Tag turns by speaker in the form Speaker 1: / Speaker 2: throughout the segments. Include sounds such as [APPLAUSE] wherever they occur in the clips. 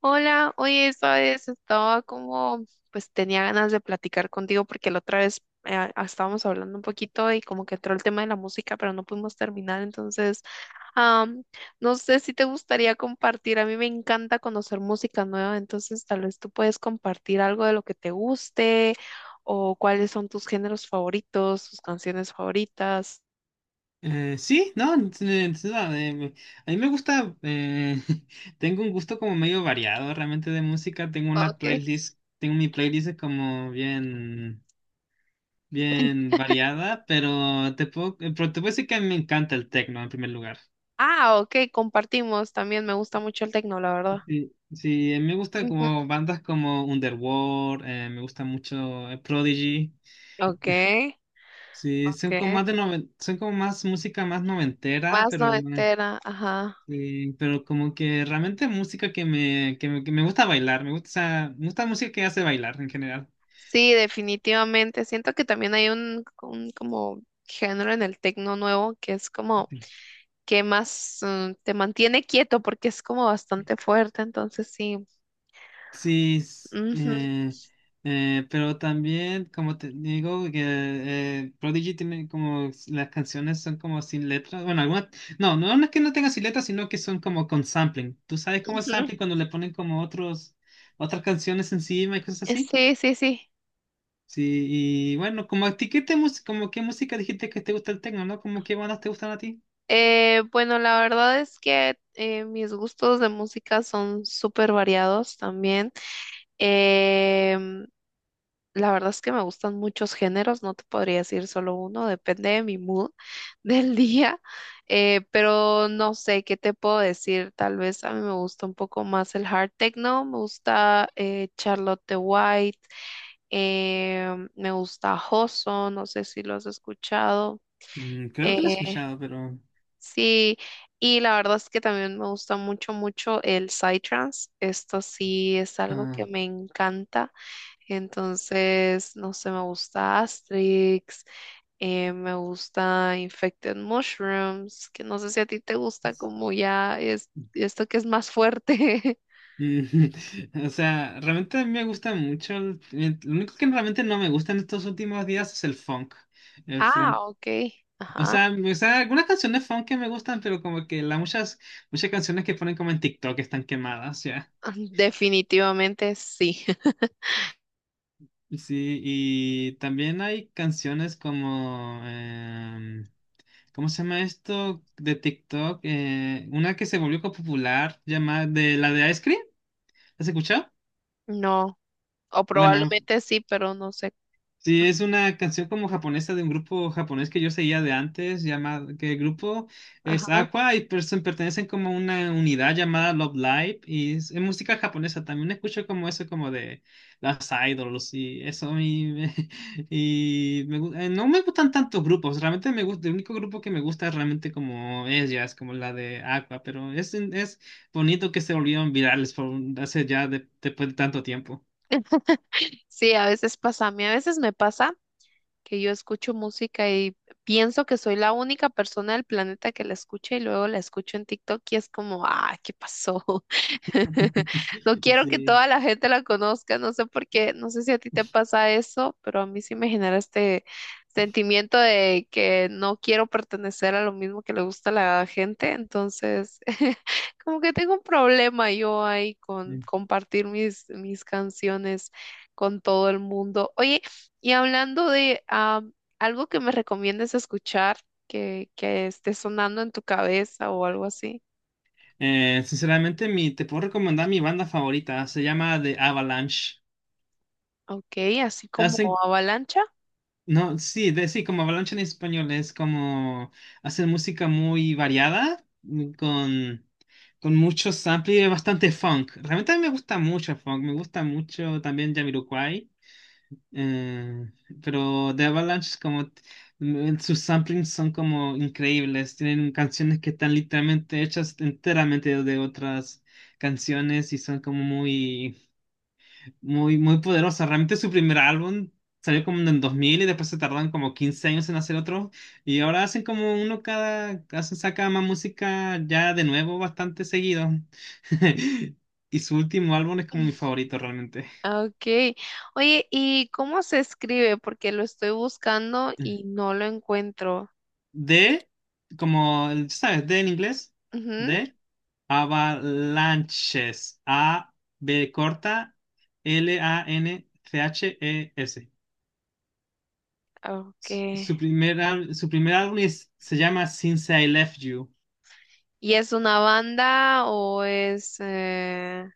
Speaker 1: Hola, oye, esta vez estaba como, pues tenía ganas de platicar contigo porque la otra vez estábamos hablando un poquito y como que entró el tema de la música, pero no pudimos terminar, entonces, am, no sé si te gustaría compartir, a mí me encanta conocer música nueva, entonces tal vez tú puedes compartir algo de lo que te guste o cuáles son tus géneros favoritos, tus canciones favoritas.
Speaker 2: Sí, no, n- n- no, me- a mí me gusta, [LAUGHS] tengo un gusto como medio variado realmente de música, tengo una
Speaker 1: Okay.
Speaker 2: playlist, tengo mi playlist como bien variada, pero te puedo decir que a mí me encanta el techno en primer lugar.
Speaker 1: Ah, ok, compartimos, también me gusta mucho el tecno, la verdad.
Speaker 2: Sí, sí, me gusta
Speaker 1: Ujú.
Speaker 2: como bandas como Underworld, me gusta mucho Prodigy,
Speaker 1: Ok,
Speaker 2: sí,
Speaker 1: ok.
Speaker 2: son como más de son como más música más noventera,
Speaker 1: Más
Speaker 2: pero...
Speaker 1: noventera, ajá.
Speaker 2: Sí, pero como que realmente música que me gusta bailar, me gusta, o sea, me gusta música que hace bailar en general.
Speaker 1: Sí, definitivamente. Siento que también hay un como género en el tecno nuevo que es como
Speaker 2: Sí,
Speaker 1: que más te mantiene quieto porque es como bastante fuerte, entonces sí.
Speaker 2: Sí.
Speaker 1: Ujú,
Speaker 2: Pero también, como te digo, que Prodigy tiene como las canciones son como sin letras. Bueno, algunas, no, no es que no tenga sin letras, sino que son como con sampling. ¿Tú sabes cómo es
Speaker 1: ujú.
Speaker 2: sampling cuando le ponen como otras canciones encima y cosas así?
Speaker 1: Sí, sí, sí.
Speaker 2: Sí, y bueno, como a ti, ¿qué te como qué música dijiste que te gusta el techno, ¿no? ¿Como qué bandas te gustan a ti?
Speaker 1: Bueno, la verdad es que mis gustos de música son súper variados también. Em, La verdad es que me gustan muchos géneros, no te podría decir solo uno, depende de mi mood [LAUGHS] del día, pero no sé qué te puedo decir. Tal vez a mí me gusta un poco más el hard techno, me gusta Charlotte the White, me gusta Hoso, no sé si lo has escuchado.
Speaker 2: Mm, creo
Speaker 1: eh,
Speaker 2: que lo he escuchado, pero...
Speaker 1: sí, y la verdad es que también me gusta mucho, mucho el psytrance. Esto sí es algo que
Speaker 2: ah,
Speaker 1: me encanta. Entonces, no sé, me gusta Asterix, me gusta Infected Mushrooms, que no sé si a ti te gusta
Speaker 2: es-
Speaker 1: como ya es esto que es más fuerte. [LAUGHS]
Speaker 2: [LAUGHS] o sea, realmente a mí me gusta mucho... lo único que realmente no me gusta en estos últimos días es el funk. El
Speaker 1: Ah,
Speaker 2: funk.
Speaker 1: ok.
Speaker 2: O
Speaker 1: Ajá.
Speaker 2: sea, o sea, algunas canciones funk que me gustan, pero como que muchas canciones que ponen como en TikTok están quemadas, ya.
Speaker 1: Definitivamente sí. [LAUGHS]
Speaker 2: Sí, y también hay canciones como... ¿Cómo se llama esto de TikTok? Una que se volvió como popular, llamada de la de Ice Cream. ¿Has escuchado?
Speaker 1: No, o
Speaker 2: Bueno,
Speaker 1: probablemente sí, pero no sé.
Speaker 2: sí, es una canción como japonesa de un grupo japonés que yo seguía de antes, llamado, que el grupo es
Speaker 1: Ajá.
Speaker 2: Aqua y pertenecen como a una unidad llamada Love Live y es música japonesa. También escucho como eso, como de las idols y eso. [LAUGHS] Y no me gustan tantos grupos, realmente me gusta, el único grupo que me gusta es realmente como ellas, como la de Aqua, pero es bonito que se volvieron virales por, hace ya después de tanto tiempo.
Speaker 1: Sí, a veces pasa, a mí a veces me pasa que yo escucho música y pienso que soy la única persona del planeta que la escucha y luego la escucho en TikTok y es como, ah, ¿qué pasó? [LAUGHS] No quiero que
Speaker 2: [LAUGHS]
Speaker 1: toda la gente la conozca, no sé por qué, no sé si a ti te pasa eso, pero a mí sí me genera este sentimiento de que no quiero pertenecer a lo mismo que le gusta a la gente, entonces [LAUGHS] como que tengo un problema yo ahí con
Speaker 2: Sí.
Speaker 1: compartir mis canciones con todo el mundo. Oye, y hablando de algo que me recomiendes escuchar, que esté sonando en tu cabeza o algo así.
Speaker 2: Sinceramente, te puedo recomendar mi banda favorita. Se llama The Avalanche.
Speaker 1: Ok, así como
Speaker 2: Hacen,
Speaker 1: avalancha.
Speaker 2: no, sí, de, sí, como Avalanche en español es como hacen música muy variada con mucho sample y bastante funk. Realmente a mí me gusta mucho el funk. Me gusta mucho también Jamiroquai. Eh, pero The Avalanche, sus samplings son como increíbles, tienen canciones que están literalmente hechas enteramente de otras canciones y son como muy poderosas. Realmente su primer álbum salió como en el 2000 y después se tardaron como 15 años en hacer otro y ahora hacen como uno hacen, saca más música ya de nuevo bastante seguido. [LAUGHS] Y su último álbum es como mi favorito realmente.
Speaker 1: Ah, ok. Oye, ¿y cómo se escribe? Porque lo estoy buscando y no lo encuentro.
Speaker 2: de, ¿Sabes? De en inglés,
Speaker 1: Ujú,
Speaker 2: de avalanches. A, B corta, L, A, N, C, H, E, S.
Speaker 1: ah, ok.
Speaker 2: Su su primer álbum se llama Since I Left You.
Speaker 1: ¿Y es una banda o es...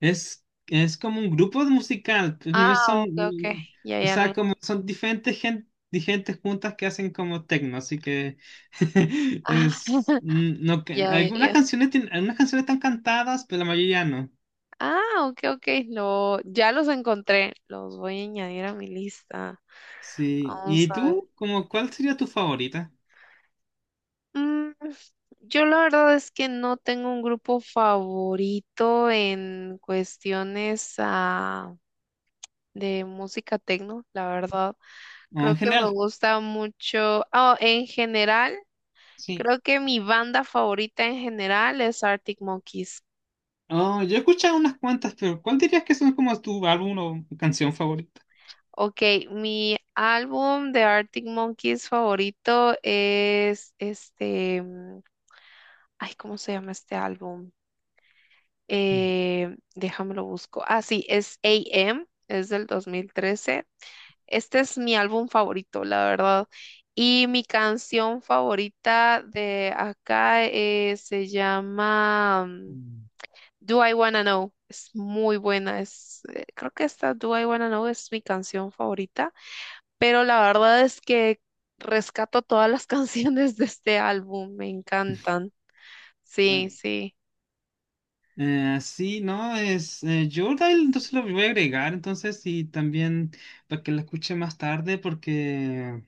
Speaker 2: Es como un grupo de musical, pues, no
Speaker 1: Ah, ok, ok.
Speaker 2: son,
Speaker 1: Ya,
Speaker 2: o
Speaker 1: ya
Speaker 2: sea,
Speaker 1: lo...
Speaker 2: como son diferentes gentes juntas que hacen como techno, así que [LAUGHS]
Speaker 1: Ah,
Speaker 2: es, mm,
Speaker 1: [LAUGHS]
Speaker 2: no, que-
Speaker 1: ya, ya,
Speaker 2: algunas
Speaker 1: ya.
Speaker 2: canciones, algunas canciones están cantadas, pero la mayoría no.
Speaker 1: Ah, ok, ok. Lo, ya los encontré. Los voy a añadir a mi lista.
Speaker 2: Sí.
Speaker 1: Vamos
Speaker 2: ¿Y
Speaker 1: a ver.
Speaker 2: tú? ¿Cuál sería tu favorita?
Speaker 1: Mm, yo la verdad es que no tengo un grupo favorito en cuestiones de música techno, la verdad.
Speaker 2: O
Speaker 1: Creo
Speaker 2: en
Speaker 1: que me
Speaker 2: general,
Speaker 1: gusta mucho. En general,
Speaker 2: sí.
Speaker 1: creo que mi banda favorita en general es Arctic Monkeys.
Speaker 2: Oh, yo he escuchado unas cuantas, pero ¿cuál dirías que son como tu álbum o canción favorita?
Speaker 1: Ok, mi álbum de Arctic Monkeys favorito es este, ay, ¿cómo se llama este álbum?
Speaker 2: Mm.
Speaker 1: Déjame lo busco. Ah, sí, es AM, es del 2013. Este es mi álbum favorito, la verdad. Y mi canción favorita de acá se llama
Speaker 2: Mm.
Speaker 1: Do I Wanna Know. Es muy buena, creo que esta Do I Wanna Know es mi canción favorita. Pero la verdad es que rescato todas las [LAUGHS] canciones de este álbum, me encantan.
Speaker 2: Ah,
Speaker 1: Sí, sí.
Speaker 2: sí, no, es Jordan, entonces lo voy a agregar, entonces, y también para que la escuche más tarde, porque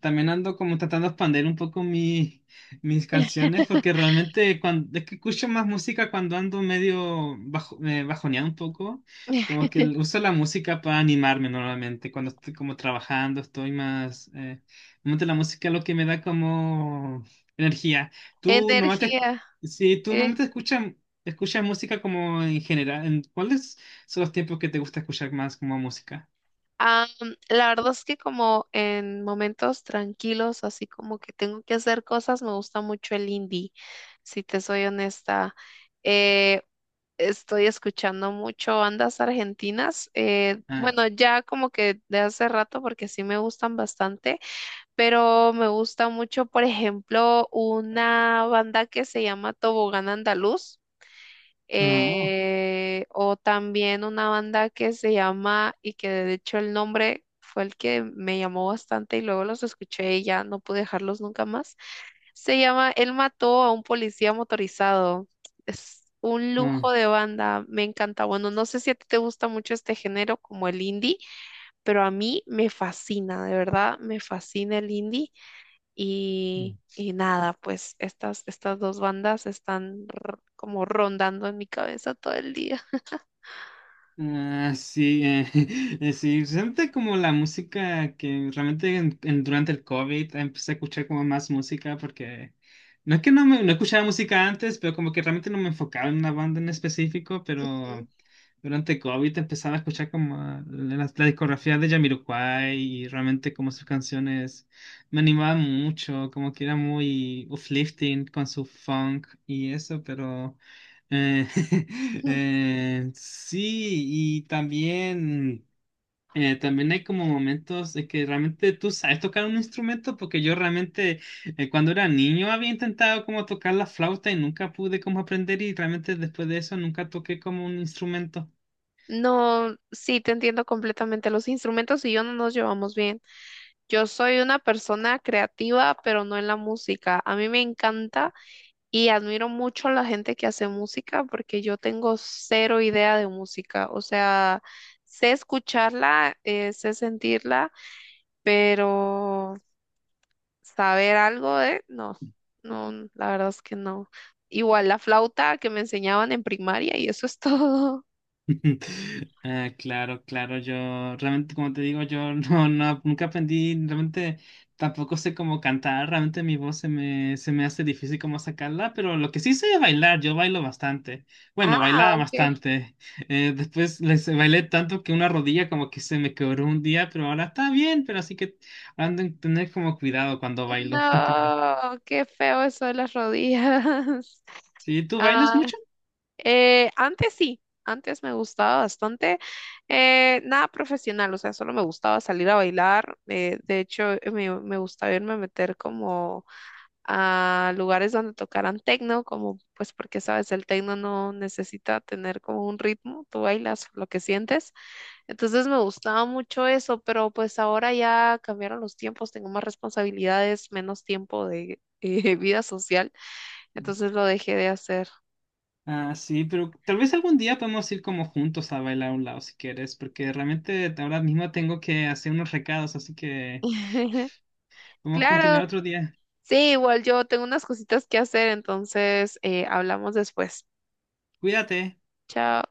Speaker 2: también ando como tratando de expandir un poco mis canciones porque realmente cuando, es que escucho más música cuando ando medio bajo, bajoneado un poco, como
Speaker 1: [LAUGHS]
Speaker 2: que uso la música para animarme normalmente, cuando estoy como trabajando estoy más, normalmente la música es lo que me da como energía. Tú normalmente,
Speaker 1: Energía.
Speaker 2: si tú
Speaker 1: Eh.
Speaker 2: normalmente escuchas música como en general, ¿en ¿cuáles son los tiempos que te gusta escuchar más como música?
Speaker 1: Am, la verdad es que como en momentos tranquilos, así como que tengo que hacer cosas, me gusta mucho el indie, si te soy honesta. Eh, Estoy escuchando mucho bandas argentinas.
Speaker 2: Ah,
Speaker 1: Bueno, ya como que de hace rato, porque sí me gustan bastante. Pero me gusta mucho, por ejemplo, una banda que se llama Tobogán Andaluz,
Speaker 2: oh,
Speaker 1: o también una banda que se llama, y que de hecho el nombre fue el que me llamó bastante y luego los escuché y ya no pude dejarlos nunca más. Se llama Él mató a un policía motorizado. Es un
Speaker 2: oh.
Speaker 1: lujo de banda, me encanta. Bueno, no sé si a ti te gusta mucho este género como el indie, pero a mí me fascina, de verdad, me fascina el indie. Y nada, pues estas dos bandas están como rondando en mi cabeza todo el día.
Speaker 2: Sí, [LAUGHS] sí, siente como la música que realmente durante el COVID empecé a escuchar como más música porque no es que no, no escuchaba música antes, pero como que realmente no me enfocaba en una banda en específico,
Speaker 1: Ujú.
Speaker 2: pero durante COVID empezaba a escuchar como la discografía de Jamiroquai y realmente como sus canciones me animaban mucho, como que era muy uplifting con su funk y eso, pero... Eh, [LAUGHS]
Speaker 1: [LAUGHS]
Speaker 2: sí, y también, también hay como momentos de que realmente tú sabes tocar un instrumento, porque yo realmente cuando era niño había intentado como tocar la flauta y nunca pude como aprender y realmente después de eso nunca toqué como un instrumento.
Speaker 1: No, sí, te entiendo completamente. Los instrumentos y yo no nos llevamos bien. Yo soy una persona creativa, pero no en la música. A mí me encanta y admiro mucho a la gente que hace música porque yo tengo cero idea de música. O sea, sé escucharla, sé sentirla, pero saber algo de, no, no, la verdad es que no. Igual la flauta que me enseñaban en primaria y eso es [LAUGHS] todo.
Speaker 2: [LAUGHS] Ah, claro, claro, yo realmente, como te digo, yo [LAUGHS] no, no, nunca aprendí, realmente tampoco sé cómo cantar, realmente mi voz se me hace difícil como sacarla, pero lo que sí sé es bailar, yo bailo bastante,
Speaker 1: Ah,
Speaker 2: bueno, bailaba
Speaker 1: ok.
Speaker 2: bastante, [LAUGHS] eh, después les bailé tanto que una rodilla como que se me quebró un día, pero ahora está bien, pero así que ando en tener como cuidado cuando bailo, [LAUGHS] más que nada.
Speaker 1: No, qué feo eso de las rodillas. [LAUGHS]
Speaker 2: ¿Sí? ¿Tú bailas
Speaker 1: Ah,
Speaker 2: mucho?
Speaker 1: antes sí, antes me gustaba bastante. Nada profesional, o sea, solo me gustaba salir a bailar. De hecho, me gustaba irme a meter como a lugares donde tocaran tecno, como pues porque sabes, el tecno no necesita tener como un ritmo, tú bailas lo que sientes. Entonces me gustaba mucho eso, pero pues ahora ya cambiaron los tiempos, tengo más responsabilidades, menos tiempo de [LAUGHS] vida social, entonces lo dejé de hacer.
Speaker 2: Ah, sí, pero tal vez algún día podemos ir como juntos a bailar a un lado si quieres, porque realmente ahora mismo tengo que hacer unos recados, así que
Speaker 1: [LAUGHS]
Speaker 2: podemos
Speaker 1: Claro,
Speaker 2: continuar otro día.
Speaker 1: sí, igual yo tengo unas cositas que hacer, entonces hablamos después.
Speaker 2: Cuídate.
Speaker 1: Chao.